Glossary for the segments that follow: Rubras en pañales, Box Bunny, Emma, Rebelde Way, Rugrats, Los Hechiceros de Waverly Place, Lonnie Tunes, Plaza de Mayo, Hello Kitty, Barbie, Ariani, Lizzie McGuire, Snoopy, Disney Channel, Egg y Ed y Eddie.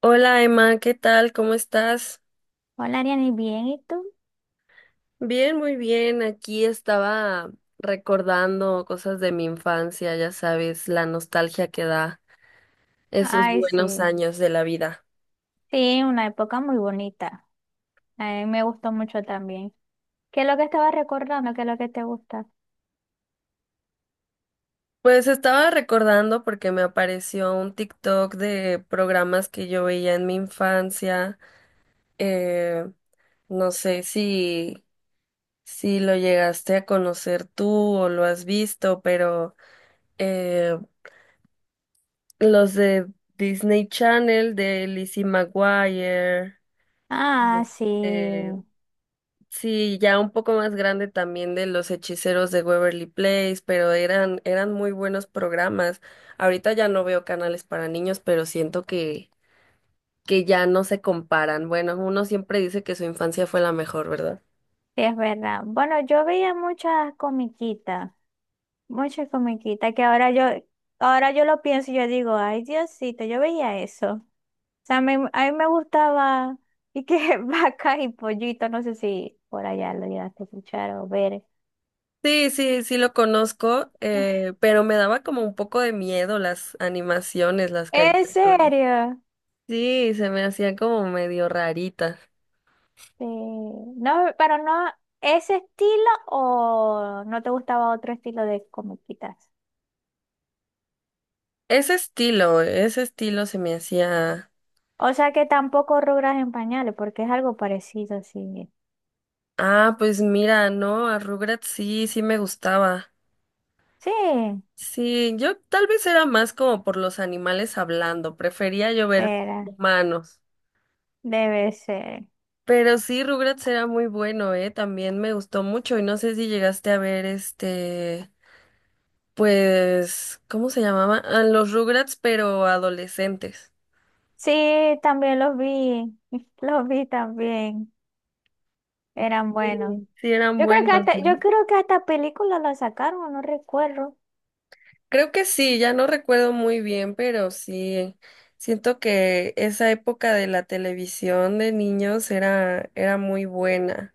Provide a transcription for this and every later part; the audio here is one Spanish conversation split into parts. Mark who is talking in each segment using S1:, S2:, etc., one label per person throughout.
S1: Hola Emma, ¿qué tal? ¿Cómo estás?
S2: Hola, Ariani, ¿bien? ¿Y tú?
S1: Bien, muy bien. Aquí estaba recordando cosas de mi infancia, ya sabes, la nostalgia que da esos
S2: Ay,
S1: buenos
S2: sí.
S1: años de la vida.
S2: Sí, una época muy bonita. A mí me gustó mucho también. ¿Qué es lo que estaba recordando? ¿Qué es lo que te gusta?
S1: Pues estaba recordando porque me apareció un TikTok de programas que yo veía en mi infancia. Eh, no sé si lo llegaste a conocer tú o lo has visto, pero eh, los de Disney Channel, de Lizzie McGuire.
S2: Ah,
S1: Sí.
S2: sí.
S1: eh, sí, ya un poco más grande también de Los Hechiceros de Waverly Place, pero eran muy buenos programas. Ahorita ya no veo canales para niños, pero siento que ya no se comparan. Bueno, uno siempre dice que su infancia fue la mejor, ¿verdad?
S2: Sí, es verdad. Bueno, yo veía muchas comiquitas que ahora yo lo pienso y yo digo, ay, Diosito, yo veía eso. O sea, a mí me gustaba y que vacas y pollitos, no sé si por allá lo llegaste a escuchar o ver.
S1: Sí, sí, sí lo conozco, pero me daba como un poco de miedo las animaciones, las
S2: ¿En
S1: caricaturas.
S2: serio?
S1: Sí, se me hacían como medio raritas.
S2: Sí, no, pero no ese estilo o no te gustaba otro estilo de comiquitas.
S1: Ese estilo se me hacía.
S2: O sea que tampoco Rubras en pañales, porque es algo parecido, sí.
S1: Ah, pues mira, no, a Rugrats sí, sí me gustaba.
S2: Sí,
S1: Sí, yo tal vez era más como por los animales hablando, prefería yo ver
S2: era,
S1: humanos.
S2: debe ser.
S1: Pero sí, Rugrats era muy bueno, también me gustó mucho y no sé si llegaste a ver este, pues, ¿cómo se llamaba? Ah, los Rugrats, pero adolescentes.
S2: Sí, también los vi, los vi también, eran
S1: Sí,
S2: buenos.
S1: sí eran
S2: Yo creo que
S1: buenos,
S2: hasta, yo
S1: ¿no?
S2: creo que hasta película la sacaron, no recuerdo.
S1: Creo que sí, ya no recuerdo muy bien, pero sí, siento que esa época de la televisión de niños era muy buena.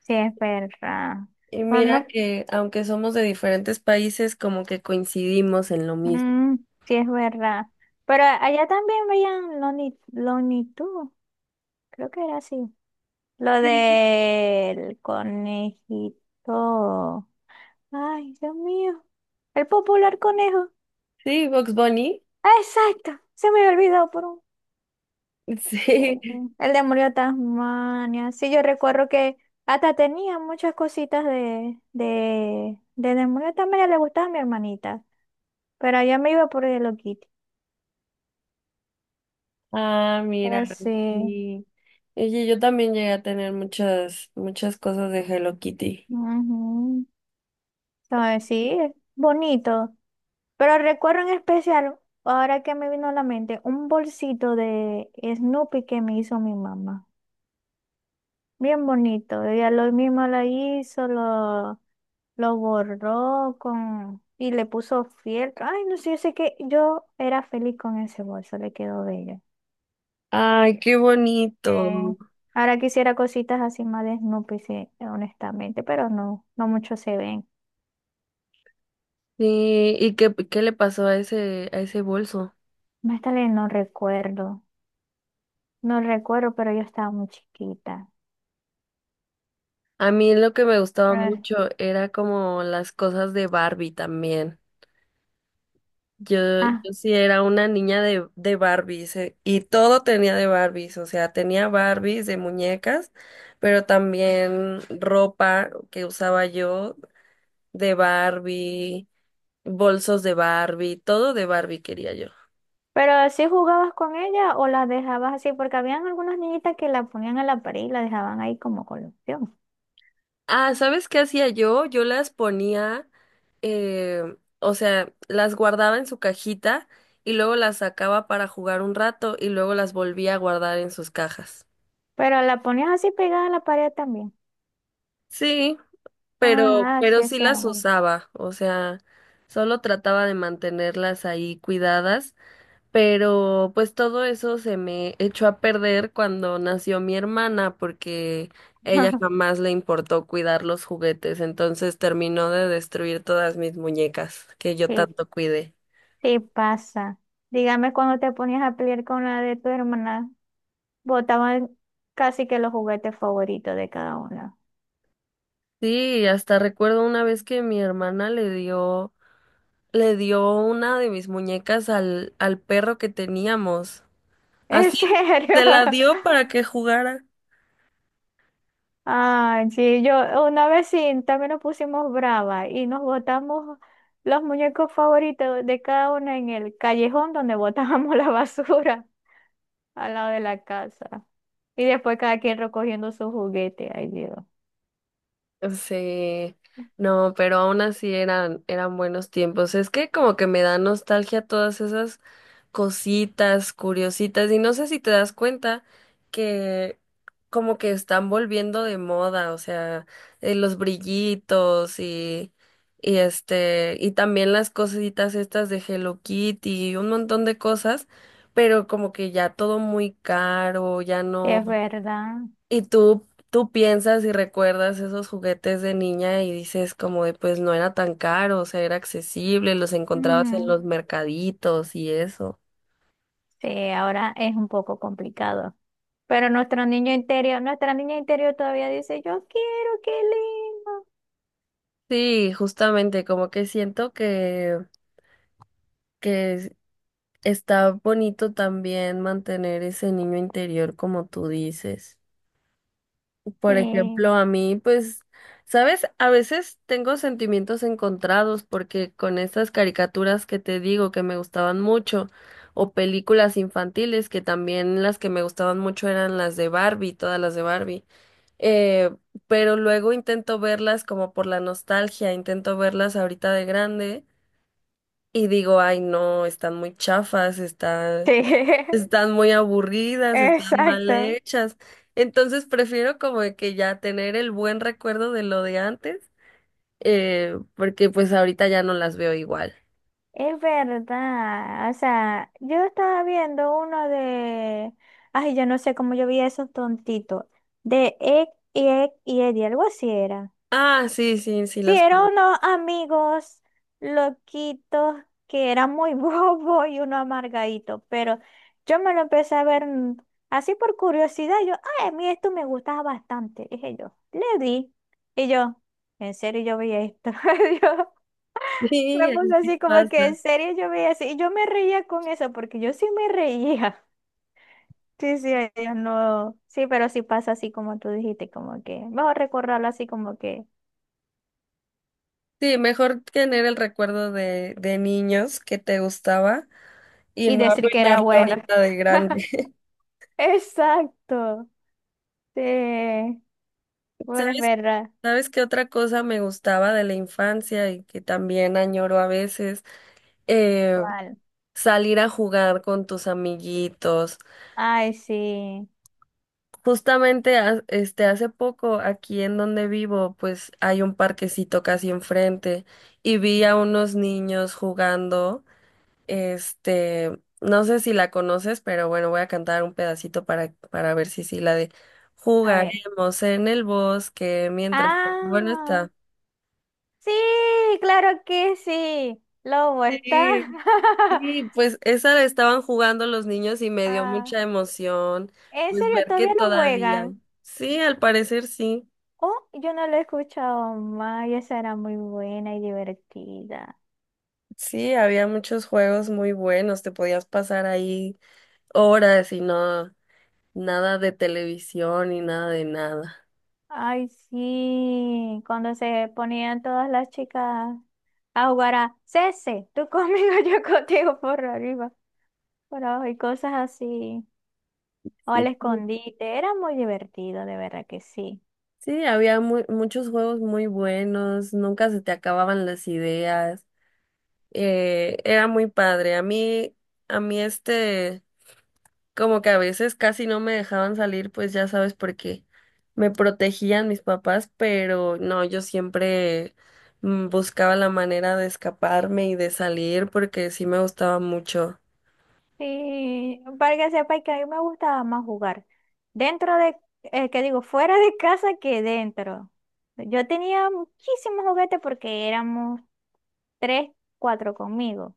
S2: Sí, es verdad.
S1: Y mira
S2: Vamos,
S1: que aunque somos de diferentes países, como que coincidimos en lo mismo.
S2: mm, sí es verdad. Pero allá también veían Lonnie, Lonnie Tunes. Creo que era así. Lo del conejito. Ay, Dios mío. El popular conejo.
S1: Sí, Box Bunny.
S2: Ah, exacto. Se me había olvidado por un
S1: Sí.
S2: segundo. El demonio de Tasmania. Sí, yo recuerdo que hasta tenía muchas cositas de, demonio de Tasmania. Le gustaba a mi hermanita. Pero allá me iba por el Hello Kitty.
S1: Ah, mira,
S2: Pero sí.
S1: sí. Oye, yo también llegué a tener muchas cosas de Hello Kitty.
S2: Ujú. Entonces, sí, es bonito. Pero recuerdo en especial, ahora que me vino a la mente, un bolsito de Snoopy que me hizo mi mamá. Bien bonito. Ella lo mismo lo hizo, lo borró con y le puso fieltro. Ay, no sé, yo sé que yo era feliz con ese bolso, le quedó bello.
S1: Ay, qué bonito.
S2: Eh, Ahora quisiera cositas así más de Snoopy, sí, honestamente, pero no, no mucho se ven.
S1: Sí, ¿y qué le pasó a a ese bolso?
S2: Más tarde no recuerdo, no recuerdo, pero yo estaba muy chiquita.
S1: A mí lo que me gustaba mucho era como las cosas de Barbie también. Yo,
S2: Ah,
S1: yo sí era una niña de Barbies, y todo tenía de Barbies, o sea, tenía Barbies de muñecas, pero también ropa que usaba yo de Barbie, bolsos de Barbie, todo de Barbie quería yo.
S2: ¿pero si jugabas con ella o las dejabas así? Porque habían algunas niñitas que la ponían a la pared y la dejaban ahí como colección.
S1: Ah, ¿sabes qué hacía yo? Yo las ponía, o sea, las guardaba en su cajita y luego las sacaba para jugar un rato y luego las volvía a guardar en sus cajas.
S2: Pero la ponías así pegada a la pared también.
S1: Sí,
S2: Ajá, sí
S1: pero sí
S2: hacían,
S1: las
S2: bueno.
S1: usaba, o sea, solo trataba de mantenerlas ahí cuidadas. Pero pues todo eso se me echó a perder cuando nació mi hermana porque ella jamás le importó cuidar los juguetes, entonces terminó de destruir todas mis muñecas que yo
S2: Sí,
S1: tanto cuidé.
S2: sí pasa. Dígame cuando te ponías a pelear con la de tu hermana, botaban casi que los juguetes favoritos de cada una.
S1: Sí, hasta recuerdo una vez que mi hermana le dio una de mis muñecas al al perro que teníamos.
S2: ¿En
S1: Así
S2: serio?
S1: se la dio para que jugara.
S2: Ay, sí, yo una vez sí, también nos pusimos brava y nos botamos los muñecos favoritos de cada una en el callejón donde botábamos la basura al lado de la casa. Y después cada quien recogiendo su juguete, ay Dios.
S1: Sí, no, pero aún así eran buenos tiempos. Es que como que me da nostalgia todas esas cositas curiositas y no sé si te das cuenta que como que están volviendo de moda, o sea, los brillitos y este, y también las cositas estas de Hello Kitty y un montón de cosas, pero como que ya todo muy caro, ya no.
S2: Es verdad.
S1: Y tú piensas y recuerdas esos juguetes de niña y dices como de pues no era tan caro, o sea, era accesible, los
S2: Ujú.
S1: encontrabas en los mercaditos y eso.
S2: Sí, ahora es un poco complicado. Pero nuestro niño interior, nuestra niña interior todavía dice, yo quiero, qué lindo.
S1: Sí, justamente, como que siento que es- está bonito también mantener ese niño interior como tú dices. Por
S2: Sí.
S1: ejemplo, a mí, pues, ¿sabes? A veces tengo sentimientos encontrados porque con estas caricaturas que te digo que me gustaban mucho, o películas infantiles que también las que me gustaban mucho eran las de Barbie, todas las de Barbie, eh, pero luego intento verlas como por la nostalgia, intento verlas ahorita de grande y digo, ay, no, están muy chafas,
S2: Sí,
S1: están muy aburridas, están mal
S2: exacto.
S1: hechas. Entonces prefiero como de que ya tener el buen recuerdo de lo de antes, porque pues ahorita ya no las veo igual.
S2: Es verdad, o sea, yo estaba viendo uno de, ay, yo no sé cómo yo vi esos tontitos, de Egg y Ed y Eddie, algo así era.
S1: Ah, sí, sí, sí
S2: Sí,
S1: los
S2: eran
S1: conozco.
S2: unos amigos loquitos que eran muy bobos y uno amargadito, pero yo me lo empecé a ver así por curiosidad, yo, ay, a mí esto me gustaba bastante, dije yo, le di, y yo, en serio yo vi esto,
S1: Sí,
S2: me puse
S1: así
S2: así como que
S1: pasa.
S2: en serio yo veía así, y yo me reía con eso, porque yo sí me reía. Sí, sí, ellos no. Sí, pero sí pasa así como tú dijiste, como que, vamos a recordarlo así como que,
S1: Sí, mejor tener el recuerdo de niños que te gustaba y
S2: y
S1: no
S2: decir que era
S1: arruinarlo
S2: bueno.
S1: ahorita de grande.
S2: Exacto. Sí, bueno, es
S1: ¿Sabes?
S2: verdad.
S1: ¿Sabes qué otra cosa me gustaba de la infancia y que también añoro a veces? Eh,
S2: ¿Cuál?
S1: Salir a jugar con tus amiguitos.
S2: Ay, sí.
S1: Justamente este hace poco aquí en donde vivo, pues hay un parquecito casi enfrente y vi a unos niños jugando. Este, no sé si la conoces, pero bueno, voy a cantar un pedacito para ver si sí la de
S2: A ver.
S1: jugaremos en el bosque mientras bueno
S2: Ah,
S1: está.
S2: sí, claro que sí. Lobo está.
S1: Sí. Sí, pues esa la estaban jugando los niños y me dio
S2: Ah,
S1: mucha emoción,
S2: ¿en
S1: pues
S2: serio
S1: ver que
S2: todavía no
S1: todavía.
S2: juegan?
S1: Sí, al parecer sí.
S2: Oh, yo no la he escuchado más y esa era muy buena y divertida.
S1: Sí, había muchos juegos muy buenos, te podías pasar ahí horas y no nada de televisión y nada de nada.
S2: Ay, sí, cuando se ponían todas las chicas a jugar a Cese, tú conmigo, yo contigo por arriba, por abajo y cosas así. O al
S1: Sí,
S2: escondite, era muy divertido, de verdad que sí.
S1: sí, había muchos juegos muy buenos, nunca se te acababan las ideas. Era muy padre. A a mí este como que a veces casi no me dejaban salir, pues ya sabes por qué. Me protegían mis papás, pero no, yo siempre buscaba la manera de escaparme y de salir porque sí me gustaba mucho.
S2: Sí, para que sepáis que a mí me gustaba más jugar dentro de, que digo, fuera de casa que dentro. Yo tenía muchísimos juguetes porque éramos tres, cuatro conmigo.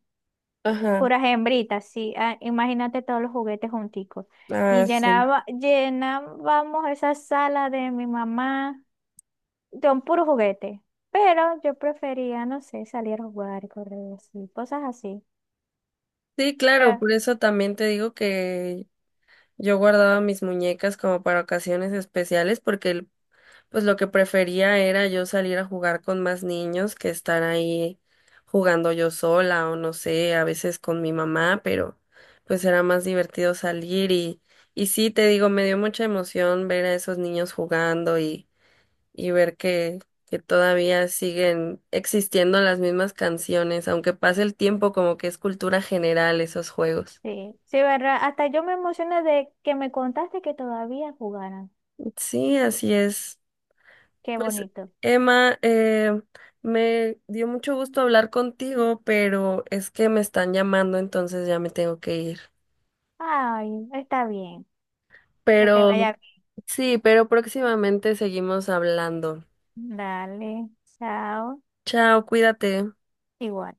S1: Ajá,
S2: Puras hembritas, sí. Ah, imagínate todos los juguetes junticos.
S1: ah,
S2: Y
S1: sí.
S2: llenaba, llenábamos esa sala de mi mamá con puros juguetes. Pero yo prefería, no sé, salir a jugar, correr así, cosas así.
S1: Sí, claro,
S2: Ah,
S1: por eso también te digo que yo guardaba mis muñecas como para ocasiones especiales porque pues lo que prefería era yo salir a jugar con más niños que estar ahí jugando yo sola o no sé, a veces con mi mamá, pero pues era más divertido salir y sí, te digo, me dio mucha emoción ver a esos niños jugando y ver que todavía siguen existiendo las mismas canciones, aunque pase el tiempo, como que es cultura general esos juegos.
S2: sí, sí, ¿verdad? Hasta yo me emocioné de que me contaste que todavía jugaran.
S1: Sí, así es.
S2: Qué
S1: Pues,
S2: bonito.
S1: Emma, me dio mucho gusto hablar contigo, pero es que me están llamando, entonces ya me tengo que ir.
S2: Ay, está bien. Que te
S1: Pero
S2: vaya
S1: sí, pero próximamente seguimos hablando.
S2: bien. Dale, chao.
S1: Chao, cuídate.
S2: Igual.